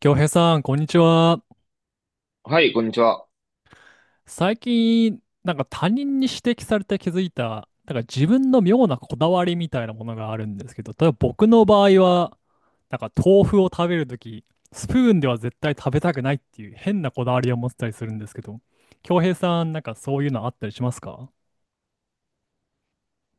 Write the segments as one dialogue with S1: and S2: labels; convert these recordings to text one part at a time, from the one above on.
S1: 京平さん、こんにちは。
S2: はい、こんにちは。
S1: 最近、他人に指摘されて気づいた、自分の妙なこだわりみたいなものがあるんですけど、例えば僕の場合は、豆腐を食べるとき、スプーンでは絶対食べたくないっていう変なこだわりを持ってたりするんですけど、京平さん、そういうのあったりしますか？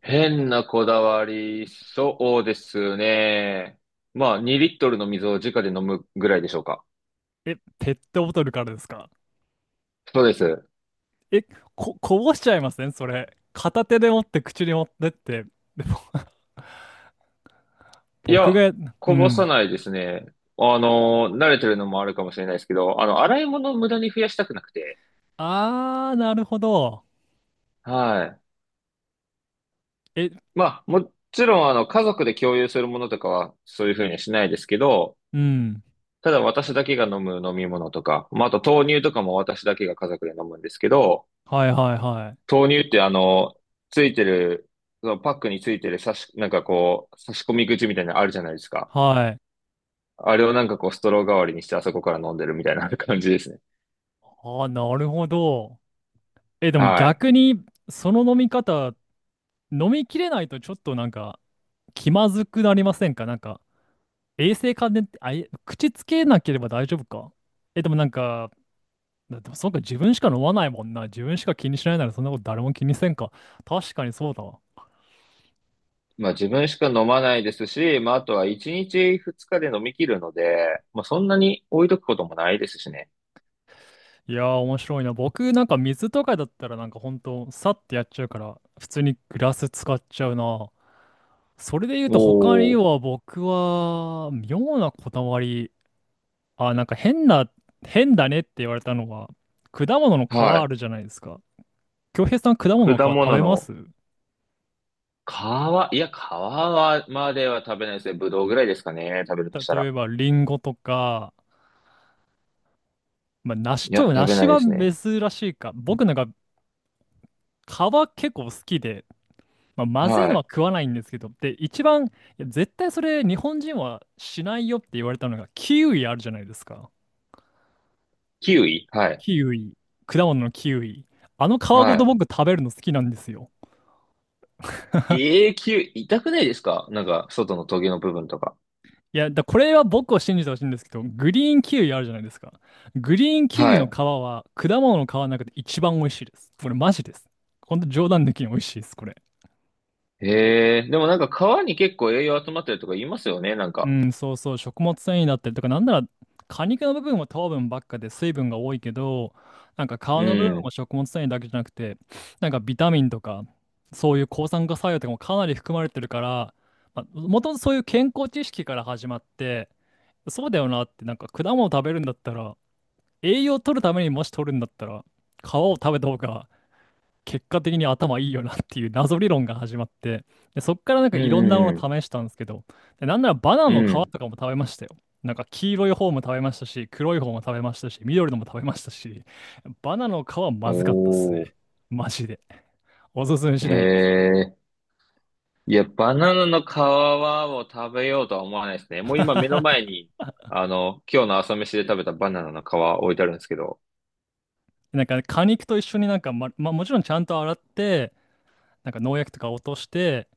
S2: 変なこだわり、そうですね。まあ、2リットルの水を直で飲むぐらいでしょうか。
S1: え、ペットボトルからですか？
S2: そうです。
S1: え、こぼしちゃいませんそれ？片手で持って口に持ってって。でも、
S2: い
S1: 僕
S2: や、
S1: が、う
S2: こぼさ
S1: ん。
S2: ないですね。慣れてるのもあるかもしれないですけど、洗い物を無駄に増やしたくなくて。
S1: あー、なるほど。
S2: はい。
S1: え、
S2: まあ、もちろん、家族で共有するものとかは、そういうふうにはしないですけど、
S1: うん。
S2: ただ私だけが飲む飲み物とか、まあ、あと豆乳とかも私だけが家族で飲むんですけど、
S1: はいはいはい。
S2: 豆乳ってあの、ついてる、そのパックについてる差し、なんかこう、差し込み口みたいなのあるじゃないですか。
S1: はい。
S2: あれをなんかこう、ストロー代わりにしてあそこから飲んでるみたいな感じですね。
S1: ああ、なるほど。え、でも
S2: はい。
S1: 逆に、その飲み方、飲みきれないとちょっと、気まずくなりませんか？衛生関連って、あ、え口つけなければ大丈夫か？え、でもなんか、だでもそうか、自分しか飲まないもんな。自分しか気にしないならそんなこと誰も気にせんか。確かにそうだわ。
S2: まあ自分しか飲まないですし、まああとは1日2日で飲み切るので、まあそんなに置いとくこともないですしね。
S1: いやー、面白いな。僕、水とかだったら、ほんと、さってやっちゃうから、普通にグラス使っちゃうな。それで言う
S2: お
S1: と、他に
S2: お。
S1: は僕は、妙なこだわり。あ、変だねって言われたのは、果物の皮
S2: は
S1: あ
S2: い。
S1: るじゃないですか。京平さん、果物
S2: 果
S1: の皮
S2: 物
S1: 食べま
S2: の
S1: す？
S2: 皮、いや、皮はまでは食べないですね。ぶどうぐらいですかね。食べると
S1: た、
S2: した
S1: 例
S2: ら。
S1: えば、リンゴとか、まあ、
S2: いや、食べな
S1: 梨
S2: いで
S1: は
S2: すね。
S1: 珍しいか。僕、皮結構好きで、まあ、まずい
S2: は
S1: の
S2: い。
S1: は食わないんですけど、で、いや絶対それ日本人はしないよって言われたのが、キウイあるじゃないですか。
S2: キウイはい。
S1: キウイ。果物のキウイ。あの皮ご
S2: は
S1: と
S2: い。
S1: 僕食べるの好きなんですよ。
S2: 永久、痛くないですかなんか、外のトゲの部分とか。
S1: いや、だこれは僕を信じてほしいんですけど、グリーンキウイあるじゃないですか。グリーンキウイ
S2: は
S1: の
S2: い。
S1: 皮は果物の皮の中で一番美味しいです。これマジです。ほんと冗談抜きに美味しいです、これ。
S2: へえ、でもなんか皮に結構栄養集まってるとか言いますよね、なん
S1: う
S2: か。
S1: ん、そうそう、食物繊維だったりとか、なんなら果肉の部分は糖分ばっかで水分が多いけど、皮の部分
S2: うん。
S1: も食物繊維だけじゃなくて、ビタミンとか、そういう抗酸化作用とかもかなり含まれてるから、まあ、もともとそういう健康知識から始まって、そうだよなって、果物食べるんだったら、栄養を取るためにもし取るんだったら、皮を食べた方が結果的に頭いいよなっていう謎理論が始まって、で、そっからなんか
S2: う
S1: いろんな
S2: ん
S1: も
S2: うん
S1: の試したんですけど、で、なんならバナナ
S2: う
S1: の皮
S2: ん。う
S1: と
S2: ん。
S1: かも食べましたよ。なんか黄色い方も食べましたし、黒い方も食べましたし、緑のも食べましたし、バナナの皮はまずかったっすね。
S2: おー。
S1: マジで。おすすめ
S2: へ
S1: しないです。
S2: え。いや、バナナの皮を食べようとは思わないですね。もう今目の前 に、今日の朝飯で食べたバナナの皮置いてあるんですけど。
S1: なんかね果肉と一緒にまあもちろんちゃんと洗って、農薬とか落として、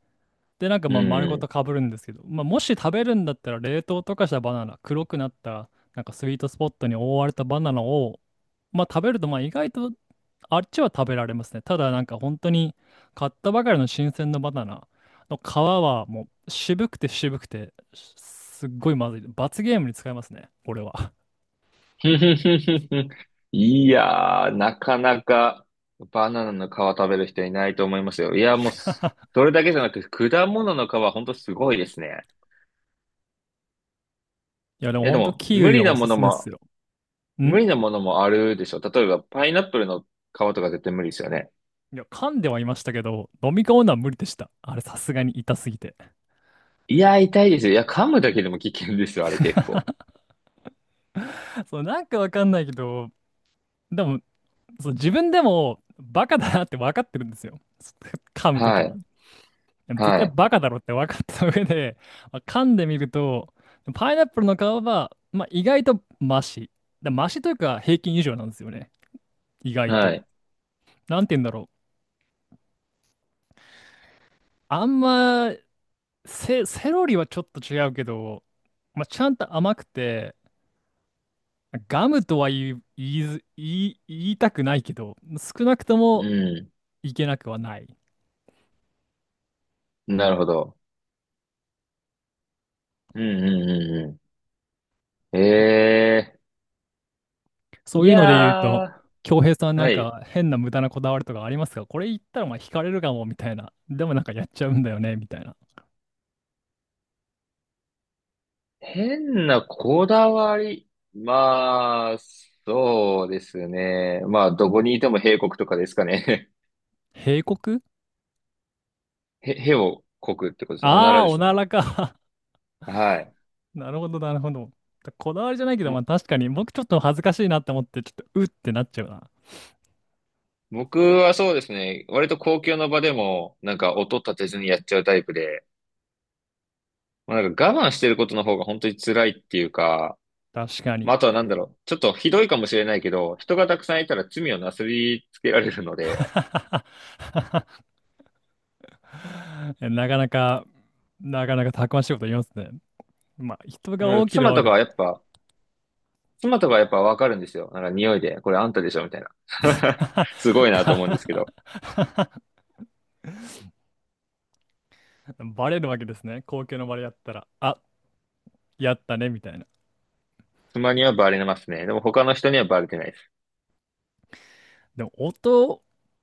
S1: で、なんか
S2: う
S1: まあ丸ごと
S2: ん。
S1: かぶるんですけど、まあ、もし食べるんだったら冷凍とかしたバナナ、黒くなったスイートスポットに覆われたバナナを、まあ、食べるとまあ意外とあっちは食べられますね。ただ本当に買ったばかりの新鮮なバナナの皮はもう渋くて渋くてすっごいまずい。罰ゲームに使いますね、俺は。
S2: いやー、なかなかバナナの皮食べる人いないと思いますよ。いや、もうす、それだけじゃなく、果物の皮ほんとすごいですね。
S1: いやでも
S2: いや、で
S1: 本当
S2: も、
S1: キウイはおすすめっすよ。
S2: 無
S1: ん、
S2: 理なものもあるでしょ。例えば、パイナップルの皮とか絶対無理ですよね。
S1: いや噛んではいましたけど、飲み込むのは無理でした。あれさすがに痛すぎて。
S2: いや、痛いですよ。いや、噛むだけでも危険ですよ、あれ結構。
S1: そう、なんかわかんないけど、でもそう、自分でもバカだなって分かってるんですよ。噛むとき
S2: は
S1: に。
S2: い、
S1: でも絶
S2: は
S1: 対
S2: い、
S1: バカだろって分かった上で、まあ噛んでみると、パイナップルの皮は、まあ、意外とマシ。だマシというか平均以上なんですよね。意外
S2: は
S1: と。
S2: い。
S1: なんて言うんだろう。あんま、セロリはちょっと違うけど、まあ、ちゃんと甘くて、ガムとは言い、言いず、言い、言いたくないけど、少なくとも
S2: う
S1: いけなくはない。
S2: ん、なるほど。うん、うん、うん、うん。ええー、
S1: そ
S2: い
S1: ういうので言う
S2: や
S1: と、
S2: ー、
S1: 恭平さん
S2: はい。
S1: 変な無駄なこだわりとかありますか？これ言ったらまあ惹かれるかもみたいな。でもなんかやっちゃうんだよねみたいな。
S2: 変なこだわり。まあ、そうですね。まあ、どこにいても兵国とかですかね。
S1: 警告？
S2: へをこくってことですね。おな
S1: ああ
S2: ら
S1: ー、
S2: で
S1: お
S2: すね。
S1: ならか。
S2: はい。
S1: なるほど、なるほど。こだわりじゃないけど、まあ
S2: も
S1: 確かに僕ちょっと恥ずかしいなって思って、ちょっとうってなっちゃうな。
S2: 僕はそうですね。割と公共の場でも、なんか音立てずにやっちゃうタイプで、まあ、なんか我慢してることの方が本当に辛いっていうか、
S1: 確かに。
S2: まあ、あとはなんだろう。ちょっとひどいかもしれないけど、人がたくさんいたら罪をなすりつけられるの で、
S1: なかなかなかなかたくましいこと言いますね。まあ、人
S2: で
S1: が
S2: もなん
S1: 多
S2: か
S1: ければ多い
S2: 妻とかやっぱわかるんですよ。なんか匂いで、これあんたでしょみたいな。すごいなと思うんで
S1: か？
S2: すけど。
S1: バレるわけですね。公共の場でやったら、あ、やったね、みたいな。
S2: 妻にはバレますね。でも他の人にはバレてないです。
S1: でも、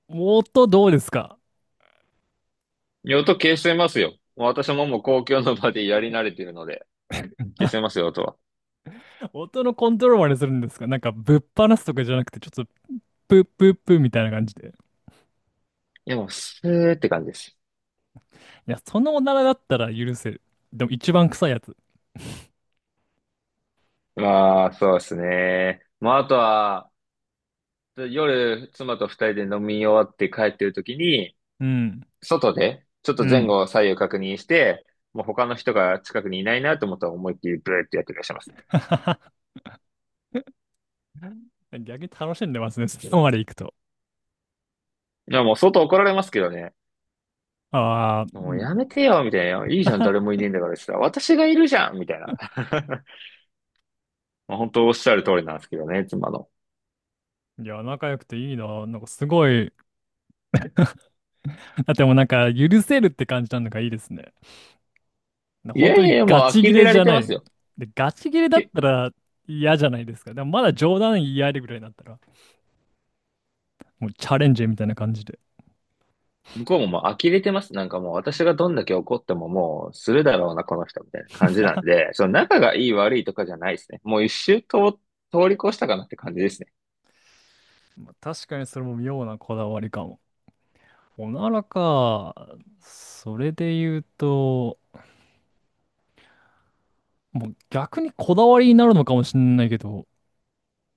S1: 音どうですか？
S2: 音消してますよ。もう私ももう公共の場でやり慣れてるので、消してますよ、音は。
S1: 音のコントロールまでするんですか？なんか、ぶっ放すとかじゃなくて、ちょっと、プップップッみたいな感じで。
S2: いや、もうスーって感じです。
S1: いや、そのおならだったら許せる。でも、一番臭いやつ。
S2: まあ、そうですね。まあ、あとは、夜、妻と二人で飲み終わって帰ってる時に、
S1: うん、
S2: 外で、ちょっ
S1: う
S2: と前
S1: ん。
S2: 後左右確認して、もう他の人が近くにいないなと思ったら思いっきりブーってやってらっしゃいますね。
S1: 逆に楽しんでますね、そこまで行くと。
S2: いや、もう外怒られますけどね。
S1: ああ、う
S2: もう
S1: ん。
S2: やめてよ、みたいな。いいじゃん、誰 もいねえんだからしたら、私がいるじゃん、みたいな。まあ本当おっしゃる通りなんですけどね、妻の。
S1: いや、仲良くていいな。なんかすごい。だってもう許せるって感じなのがいいですね。
S2: い
S1: 本
S2: や
S1: 当
S2: いや
S1: に
S2: いや、も
S1: ガ
S2: う
S1: チ
S2: 呆
S1: ギ
S2: れ
S1: レ
S2: ら
S1: じ
S2: れ
S1: ゃ
S2: て
S1: な
S2: ます
S1: い。
S2: よ。
S1: で、ガチギレだっ
S2: き
S1: たら嫌じゃないですか。でもまだ冗談言い合えるぐらいだったら、もうチャレンジみたいな感じで。
S2: 向こうももう呆れてます。なんかもう私がどんだけ怒ってももうするだろうな、この人、みたいな感じなんで、その仲がいい悪いとかじゃないですね。もう一周と通り越したかなって感じですね。
S1: 確かにそれも妙なこだわりかも。おならか。それで言うと、もう逆にこだわりになるのかもしれないけど、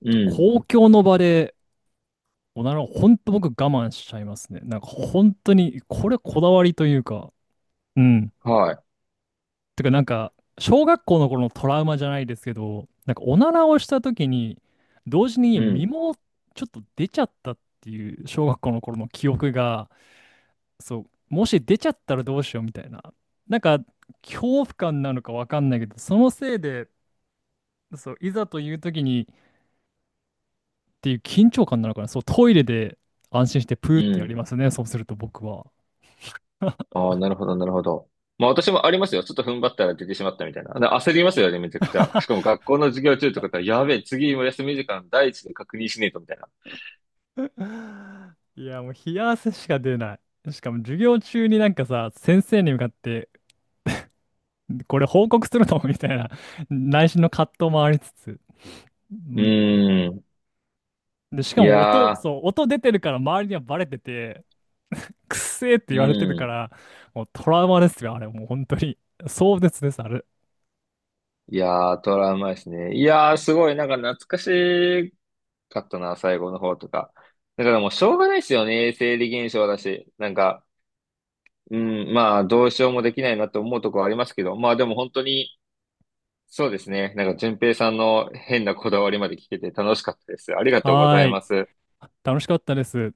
S2: うん。
S1: 公共の場でおならを本当僕我慢しちゃいますね。なんか本当に、これこだわりというか、うん。
S2: は
S1: てか小学校の頃のトラウマじゃないですけど、おならをした時に、同時
S2: い。
S1: に
S2: う
S1: 身
S2: ん。
S1: もちょっと出ちゃったっていう小学校の頃の記憶が、そう、もし出ちゃったらどうしようみたいな。なんか、恐怖感なのかわかんないけど、そのせいで、そう、いざという時にっていう緊張感なのかな。そう、トイレで安心してプー
S2: う
S1: ってや
S2: ん。
S1: りますね。そうすると僕は。
S2: ああ、なるほど、なるほど。まあ私もありますよ。ちょっと踏ん張ったら出てしまったみたいな。で焦りますよね、めちゃくちゃ。しかも 学校の授業中とかだったら、やべえ、次も休み時間第一で確認しねえと、みたいな。
S1: いや、もう冷や汗しか出ない。しかも授業中になんかさ、先生に向かってこれ報告するのみたいな内心の葛藤もありつつ。う
S2: う
S1: ん。
S2: ーん。
S1: で、しか
S2: い
S1: も音、
S2: やー、
S1: そう、音出てるから周りにはバレてて、くっせーって
S2: う
S1: 言われてるか
S2: ん。
S1: ら、もうトラウマですよ、あれ。もう本当に。壮絶です、あれ。
S2: いやー、トラウマですね。いやー、すごい、なんか懐かしかったな、最後の方とか。だからもうしょうがないですよね、生理現象だし。なんか、うん、まあ、どうしようもできないなと思うところありますけど、まあでも本当に、そうですね。なんか、淳平さんの変なこだわりまで聞けて楽しかったです。ありがとうご
S1: は
S2: ざ
S1: ー
S2: い
S1: い。
S2: ます。
S1: 楽しかったです。